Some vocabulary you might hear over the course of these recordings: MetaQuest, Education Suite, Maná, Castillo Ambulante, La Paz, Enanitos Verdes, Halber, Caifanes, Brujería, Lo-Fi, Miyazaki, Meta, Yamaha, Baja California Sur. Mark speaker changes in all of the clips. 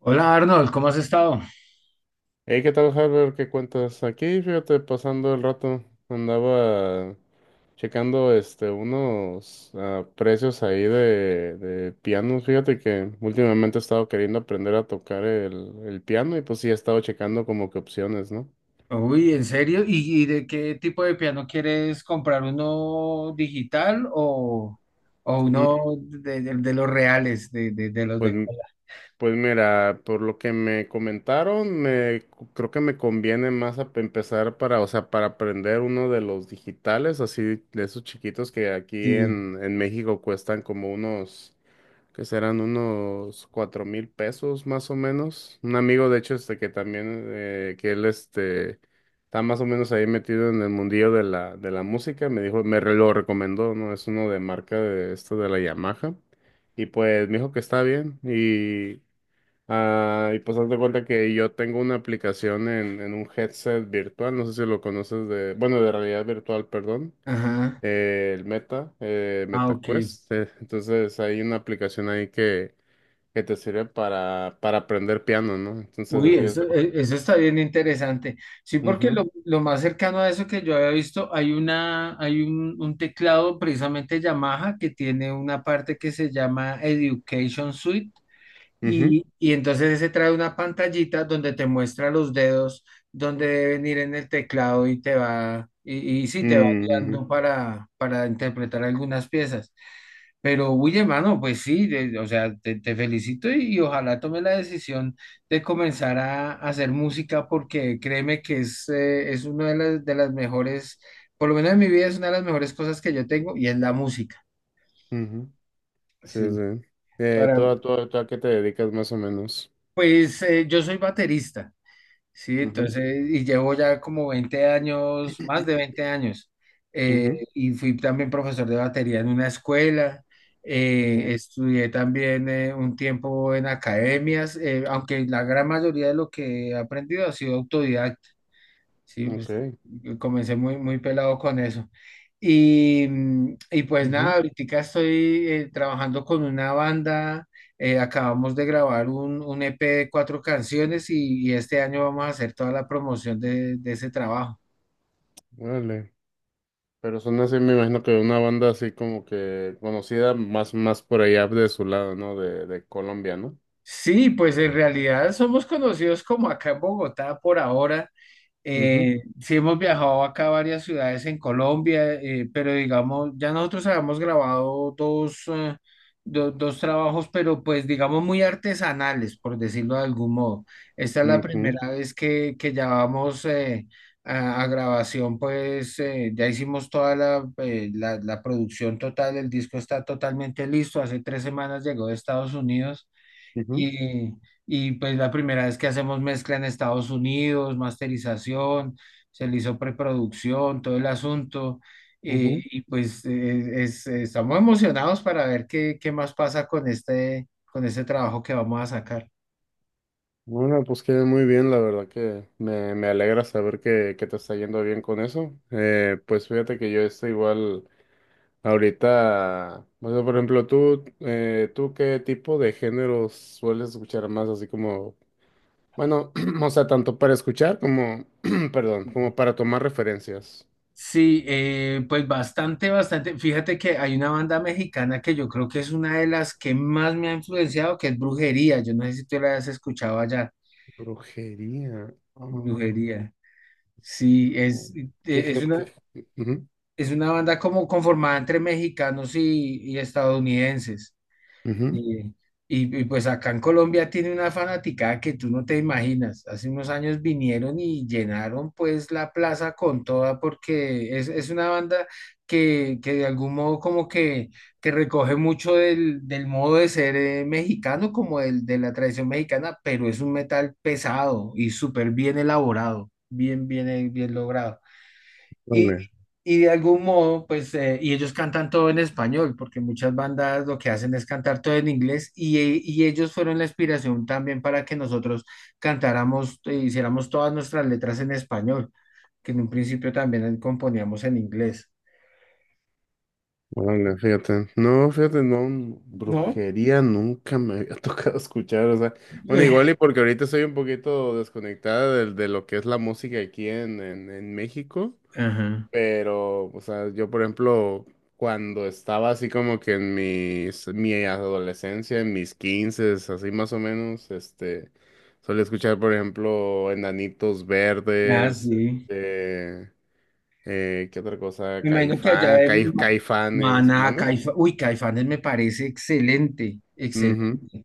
Speaker 1: Hola, Arnold, ¿cómo has estado?
Speaker 2: Hey, ¿qué tal, Harvard? ¿Qué cuentas? Aquí, fíjate, pasando el rato, andaba checando unos precios ahí de pianos. Fíjate que últimamente he estado queriendo aprender a tocar el piano y pues sí he estado checando como que opciones, ¿no?
Speaker 1: Uy, ¿en serio? Y de qué tipo de piano quieres comprar? ¿Uno digital o
Speaker 2: Mm,
Speaker 1: uno de, de los reales, de, de los
Speaker 2: Pues,
Speaker 1: de
Speaker 2: m-
Speaker 1: cola?
Speaker 2: pues, mira, por lo que me comentaron, creo que me conviene más empezar para, o sea, para aprender uno de los digitales, así de esos chiquitos que aquí
Speaker 1: Sí.
Speaker 2: en México cuestan como unos que serán unos $4,000 más o menos. Un amigo, de hecho, que también, que él está más o menos ahí metido en el mundillo de la música, me dijo, lo recomendó, ¿no? Es uno de marca de esto de la Yamaha. Y pues me dijo que está bien. Y pues haz de cuenta que yo tengo una aplicación en un headset virtual, no sé si lo conoces de, bueno, de realidad virtual, perdón.
Speaker 1: Ajá.
Speaker 2: El Meta,
Speaker 1: Ah, ok.
Speaker 2: MetaQuest. Entonces hay una aplicación ahí que te sirve para aprender piano, ¿no? Entonces
Speaker 1: Uy,
Speaker 2: así es.
Speaker 1: eso, eso está bien interesante. Sí, porque
Speaker 2: Mhm.
Speaker 1: lo más cercano a eso que yo había visto, hay una, hay un teclado precisamente Yamaha que tiene una parte que se llama Education Suite.
Speaker 2: Mhm.
Speaker 1: Y entonces ese trae una pantallita donde te muestra los dedos, donde deben ir en el teclado y te va, y sí, te va
Speaker 2: Mhm. Mhm.
Speaker 1: guiando para interpretar algunas piezas. Pero, uy, hermano, pues sí, de- o sea, te felicito y ojalá tome la decisión de comenzar a hacer música porque créeme que es una de las mejores, por lo menos en mi vida es una de las mejores cosas que yo tengo y es la música.
Speaker 2: Sí,
Speaker 1: Sí,
Speaker 2: sí.
Speaker 1: para,
Speaker 2: ¿Tú a qué te dedicas más o menos?
Speaker 1: pues yo soy baterista. Sí,
Speaker 2: Mhm.
Speaker 1: entonces, y llevo ya como 20 años, más de 20 años,
Speaker 2: Mhm.
Speaker 1: y fui también profesor de batería en una escuela,
Speaker 2: Okay,
Speaker 1: estudié también un tiempo en academias, aunque la gran mayoría de lo que he aprendido ha sido autodidacta. Sí, pues
Speaker 2: okay.
Speaker 1: yo comencé muy, muy pelado con eso. Y, y pues
Speaker 2: Mhm.
Speaker 1: nada, ahorita estoy trabajando con una banda, acabamos de grabar un EP de 4 canciones y este año vamos a hacer toda la promoción de ese trabajo.
Speaker 2: Vale. Pero son así, me imagino que una banda así como que conocida más por allá de su lado, ¿no? De Colombia, ¿no?
Speaker 1: Sí, pues en realidad somos conocidos como acá en Bogotá por ahora.
Speaker 2: Mhm.
Speaker 1: Sí hemos viajado acá a varias ciudades en Colombia, pero digamos, ya nosotros habíamos grabado dos, dos trabajos, pero pues digamos muy artesanales, por decirlo de algún modo. Esta es la
Speaker 2: Mhm.
Speaker 1: primera vez que ya vamos a grabación, pues ya hicimos toda la, la producción total, el disco está totalmente listo, hace 3 semanas llegó de Estados Unidos.
Speaker 2: Mhm.
Speaker 1: Y, y pues la primera vez que hacemos mezcla en Estados Unidos, masterización, se le hizo preproducción, todo el asunto. Y pues estamos emocionados para ver qué, qué más pasa con este trabajo que vamos a sacar.
Speaker 2: Bueno, pues queda muy bien, la verdad que me alegra saber que te está yendo bien con eso. Pues fíjate que yo estoy igual ahorita, o sea, por ejemplo, ¿tú qué tipo de géneros sueles escuchar más? Así como, bueno, o sea, tanto para escuchar como, perdón, como para tomar referencias.
Speaker 1: Sí, pues bastante, bastante. Fíjate que hay una banda mexicana que yo creo que es una de las que más me ha influenciado, que es Brujería. Yo no sé si tú la has escuchado allá.
Speaker 2: Brujería. Ah,
Speaker 1: Brujería. Sí,
Speaker 2: no. ¿Qué
Speaker 1: es una.
Speaker 2: qué?
Speaker 1: Es una banda como conformada entre mexicanos y estadounidenses.
Speaker 2: Ujú.
Speaker 1: Y, y pues acá en Colombia tiene una fanaticada que tú no te imaginas. Hace unos años vinieron y llenaron pues la plaza con toda porque es una banda que de algún modo como que recoge mucho del, del modo de ser mexicano, como del, de la tradición mexicana, pero es un metal pesado y súper bien elaborado, bien, bien, bien logrado. Y,
Speaker 2: Ujú.
Speaker 1: y de algún modo, pues, y ellos cantan todo en español, porque muchas bandas lo que hacen es cantar todo en inglés, y ellos fueron la inspiración también para que nosotros cantáramos e hiciéramos todas nuestras letras en español, que en un principio también componíamos en inglés,
Speaker 2: Vale, fíjate. No, fíjate, no,
Speaker 1: ¿no?
Speaker 2: brujería nunca me había tocado escuchar, o sea, bueno, igual y porque ahorita estoy un poquito desconectada de lo que es la música aquí en México,
Speaker 1: Ajá.
Speaker 2: pero, o sea, yo por ejemplo, cuando estaba así como que en mi adolescencia, en mis quinces, así más o menos, solía escuchar, por ejemplo, Enanitos
Speaker 1: Ah,
Speaker 2: Verdes,
Speaker 1: sí.
Speaker 2: ¿qué otra cosa?
Speaker 1: Me imagino que allá en
Speaker 2: Caifanes,
Speaker 1: Maná,
Speaker 2: ¿mande?
Speaker 1: Caifa, uy, Caifanes me parece excelente,
Speaker 2: Ujú.
Speaker 1: excelente.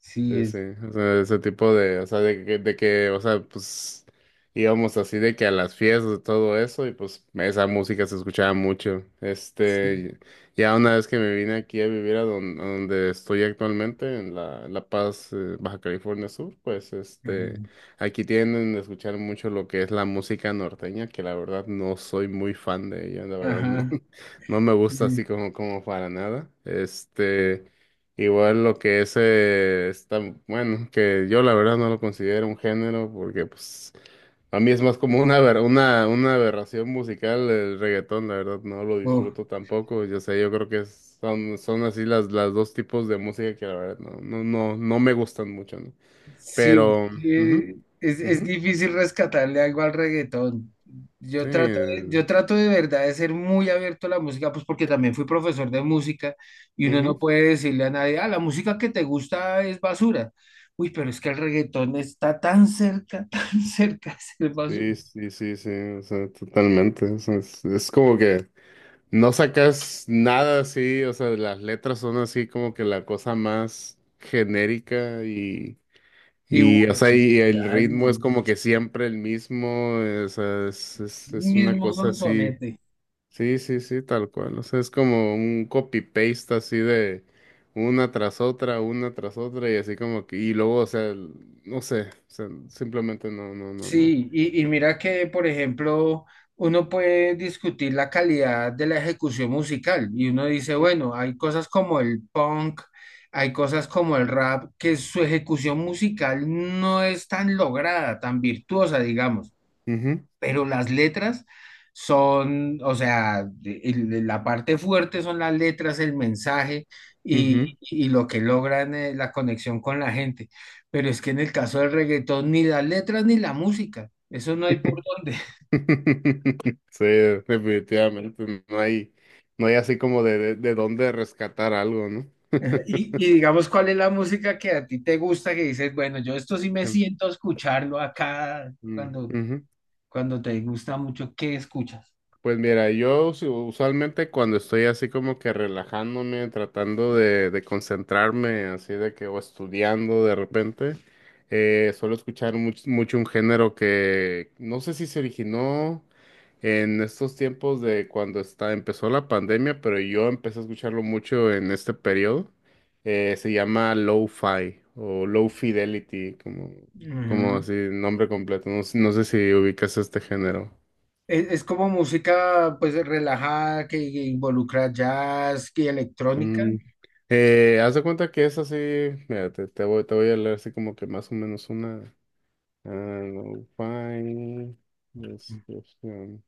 Speaker 1: Sí,
Speaker 2: Sí, sí,
Speaker 1: es.
Speaker 2: o sea, ese tipo de, o sea, de que, o sea, pues íbamos así de que a las fiestas y todo eso y pues esa música se escuchaba mucho. Ya una vez que me vine aquí a vivir a donde estoy actualmente, en en La Paz, Baja California Sur. Pues
Speaker 1: Ajá.
Speaker 2: aquí tienden a escuchar mucho lo que es la música norteña, que la verdad no soy muy fan de ella, la verdad no.
Speaker 1: Ajá,
Speaker 2: No me gusta
Speaker 1: sí.
Speaker 2: así como para nada. Igual lo que es, bueno, que yo la verdad no lo considero un género porque pues a mí es más como una aberración musical el reggaetón, la verdad no lo
Speaker 1: Oh.
Speaker 2: disfruto tampoco, yo sé, yo creo que son así las dos tipos de música que la verdad no, no, no, no me gustan mucho, ¿no?
Speaker 1: Sí,
Speaker 2: Pero. Ujú.
Speaker 1: sí, es
Speaker 2: Ujú.
Speaker 1: difícil rescatarle algo al reggaetón.
Speaker 2: Sí.
Speaker 1: Yo trato de verdad de ser muy abierto a la música, pues porque también fui profesor de música y uno
Speaker 2: Ujú.
Speaker 1: no puede decirle a nadie, ah, la música que te gusta es basura. Uy, pero es que el reggaetón está tan cerca, tan cerca de ser basura.
Speaker 2: Sí, sí, sí, sí, o sea, totalmente. O sea, es como que no sacas nada así, o sea, las letras son así como que la cosa más genérica y,
Speaker 1: Y
Speaker 2: y o
Speaker 1: bueno,
Speaker 2: sea,
Speaker 1: y
Speaker 2: y el ritmo es como que siempre el mismo, o sea, es una
Speaker 1: mismo
Speaker 2: cosa así,
Speaker 1: sonsonete.
Speaker 2: sí, sí, sí, tal cual, o sea, es como un copy-paste así de una tras otra, una tras otra, y así como que, y luego, o sea, no sé, o sea, simplemente no, no, no, no.
Speaker 1: Sí, y mira que, por ejemplo, uno puede discutir la calidad de la ejecución musical y uno dice, bueno, hay cosas como el punk, hay cosas como el rap, que su ejecución musical no es tan lograda, tan virtuosa, digamos.
Speaker 2: Ujú.
Speaker 1: Pero las letras son, o sea, la parte fuerte son las letras, el mensaje
Speaker 2: Ujú.
Speaker 1: y lo que logran la conexión con la gente. Pero es que en el caso del reggaetón, ni las letras ni la música, eso no hay por dónde.
Speaker 2: Sí, definitivamente. No hay así como de dónde rescatar algo, ¿no?
Speaker 1: Ajá. Y digamos, ¿cuál es la música que a ti te gusta, que dices, bueno, yo esto sí me
Speaker 2: Sí.
Speaker 1: siento a escucharlo acá
Speaker 2: Mm.
Speaker 1: cuando,
Speaker 2: Ujú.
Speaker 1: cuando te gusta mucho, ¿qué escuchas?
Speaker 2: Pues mira, yo usualmente cuando estoy así como que relajándome, tratando de concentrarme, así de que o estudiando de repente, suelo escuchar mucho un género que no sé si se originó en estos tiempos de cuando empezó la pandemia, pero yo empecé a escucharlo mucho en este periodo. Se llama Lo-Fi o Low Fidelity, como
Speaker 1: Ujú.
Speaker 2: así, nombre completo. No sé si ubicas este género.
Speaker 1: Es como música pues relajada que involucra jazz y electrónica.
Speaker 2: Mm, haz de cuenta que es así, mira, te voy a leer así como que más o menos una... ah, Lo-Fi description.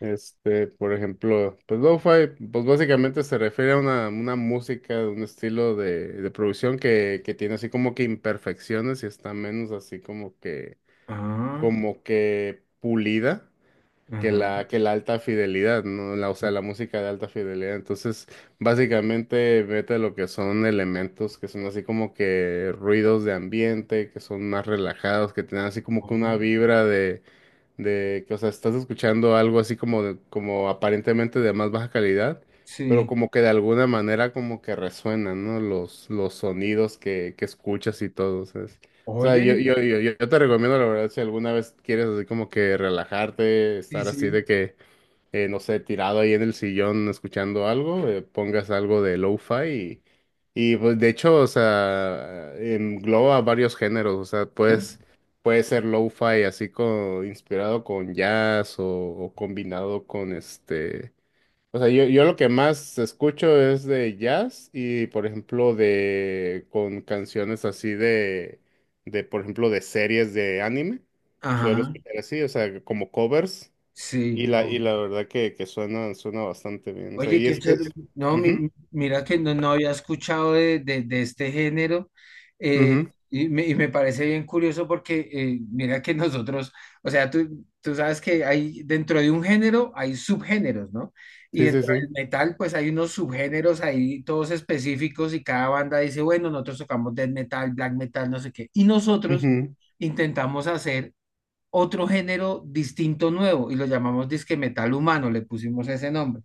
Speaker 2: Por ejemplo, pues lo-fi, pues básicamente se refiere a una música, un estilo de producción que tiene así como que imperfecciones y está menos así
Speaker 1: Ah,
Speaker 2: como que pulida que
Speaker 1: ajá.
Speaker 2: la alta fidelidad, ¿no? La, o sea, la música de alta fidelidad. Entonces, básicamente mete lo que son elementos que son así como que ruidos de ambiente, que son más relajados, que tienen así como que una
Speaker 1: Oh.
Speaker 2: vibra de que, o sea, estás escuchando algo así como, como aparentemente de más baja calidad, pero
Speaker 1: Sí.
Speaker 2: como que de alguna manera como que resuenan, ¿no? Los sonidos que escuchas y todo, ¿sabes? O sea,
Speaker 1: Oye,
Speaker 2: yo te recomiendo, la verdad. Si alguna vez quieres así como que relajarte,
Speaker 1: sí,
Speaker 2: estar así de
Speaker 1: sí.
Speaker 2: que no sé, tirado ahí en el sillón escuchando algo, pongas algo de lo-fi y, pues de hecho, o sea, engloba varios géneros, o sea,
Speaker 1: ¿No?
Speaker 2: puede ser lo-fi así como inspirado con jazz o combinado con o sea, yo lo que más escucho es de jazz y por ejemplo con canciones así de por ejemplo de series de anime, suelo
Speaker 1: Ajá,
Speaker 2: escuchar así, o sea, como covers.
Speaker 1: sí.
Speaker 2: Y la verdad que suena bastante bien. O sea,
Speaker 1: Oye,
Speaker 2: y
Speaker 1: qué
Speaker 2: es que.
Speaker 1: chévere. No,
Speaker 2: Ujú.
Speaker 1: mira que no, no había escuchado de, de este género eh,
Speaker 2: Ujú.
Speaker 1: y me parece bien curioso porque mira que nosotros, o sea, tú sabes que hay dentro de un género hay subgéneros, ¿no? Y
Speaker 2: Sí, sí,
Speaker 1: dentro
Speaker 2: sí.
Speaker 1: del metal pues hay unos subgéneros ahí todos específicos y cada banda dice, bueno, nosotros tocamos death metal, black metal, no sé qué. Y nosotros
Speaker 2: Ujú.
Speaker 1: intentamos hacer otro género distinto, nuevo y lo llamamos disque metal humano, le pusimos ese nombre.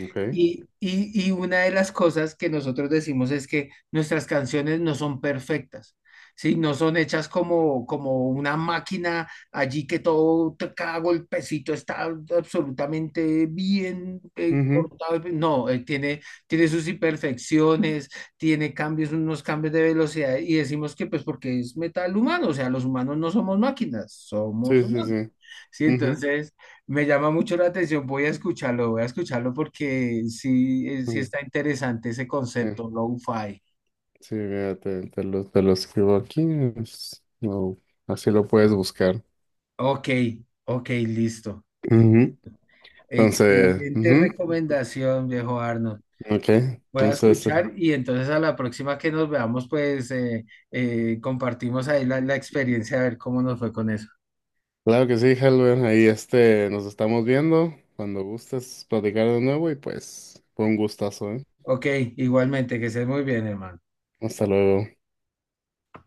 Speaker 2: Ok.
Speaker 1: Y una de las cosas que nosotros decimos es que nuestras canciones no son perfectas, ¿sí? No son hechas como, como una máquina allí que todo, cada golpecito está absolutamente bien
Speaker 2: Ujú.
Speaker 1: cortado. No, tiene, tiene sus imperfecciones, tiene cambios, unos cambios de velocidad y decimos que pues porque es metal humano, o sea, los humanos no somos máquinas, somos
Speaker 2: Sí, sí,
Speaker 1: humanos.
Speaker 2: sí.
Speaker 1: Sí,
Speaker 2: Ujú.
Speaker 1: entonces me llama mucho la atención, voy a escucharlo porque sí, sí
Speaker 2: Ujú.
Speaker 1: está interesante ese
Speaker 2: Sí,
Speaker 1: concepto, lo-fi.
Speaker 2: sí, mira, te lo escribo aquí. No, así lo puedes buscar.
Speaker 1: Ok, ok, listo.
Speaker 2: Ujú.
Speaker 1: Excelente
Speaker 2: Ujú.
Speaker 1: recomendación, viejo Arnold.
Speaker 2: Ok.
Speaker 1: Voy a
Speaker 2: Entonces,
Speaker 1: escuchar y entonces a la próxima que nos veamos, pues compartimos ahí la, la experiencia, a ver cómo nos fue con eso.
Speaker 2: claro que sí, Halber. Ahí nos estamos viendo. Cuando gustes platicar de nuevo y pues, fue un gustazo, ¿eh?
Speaker 1: Ok, igualmente, que estés muy bien, hermano.
Speaker 2: Hasta luego.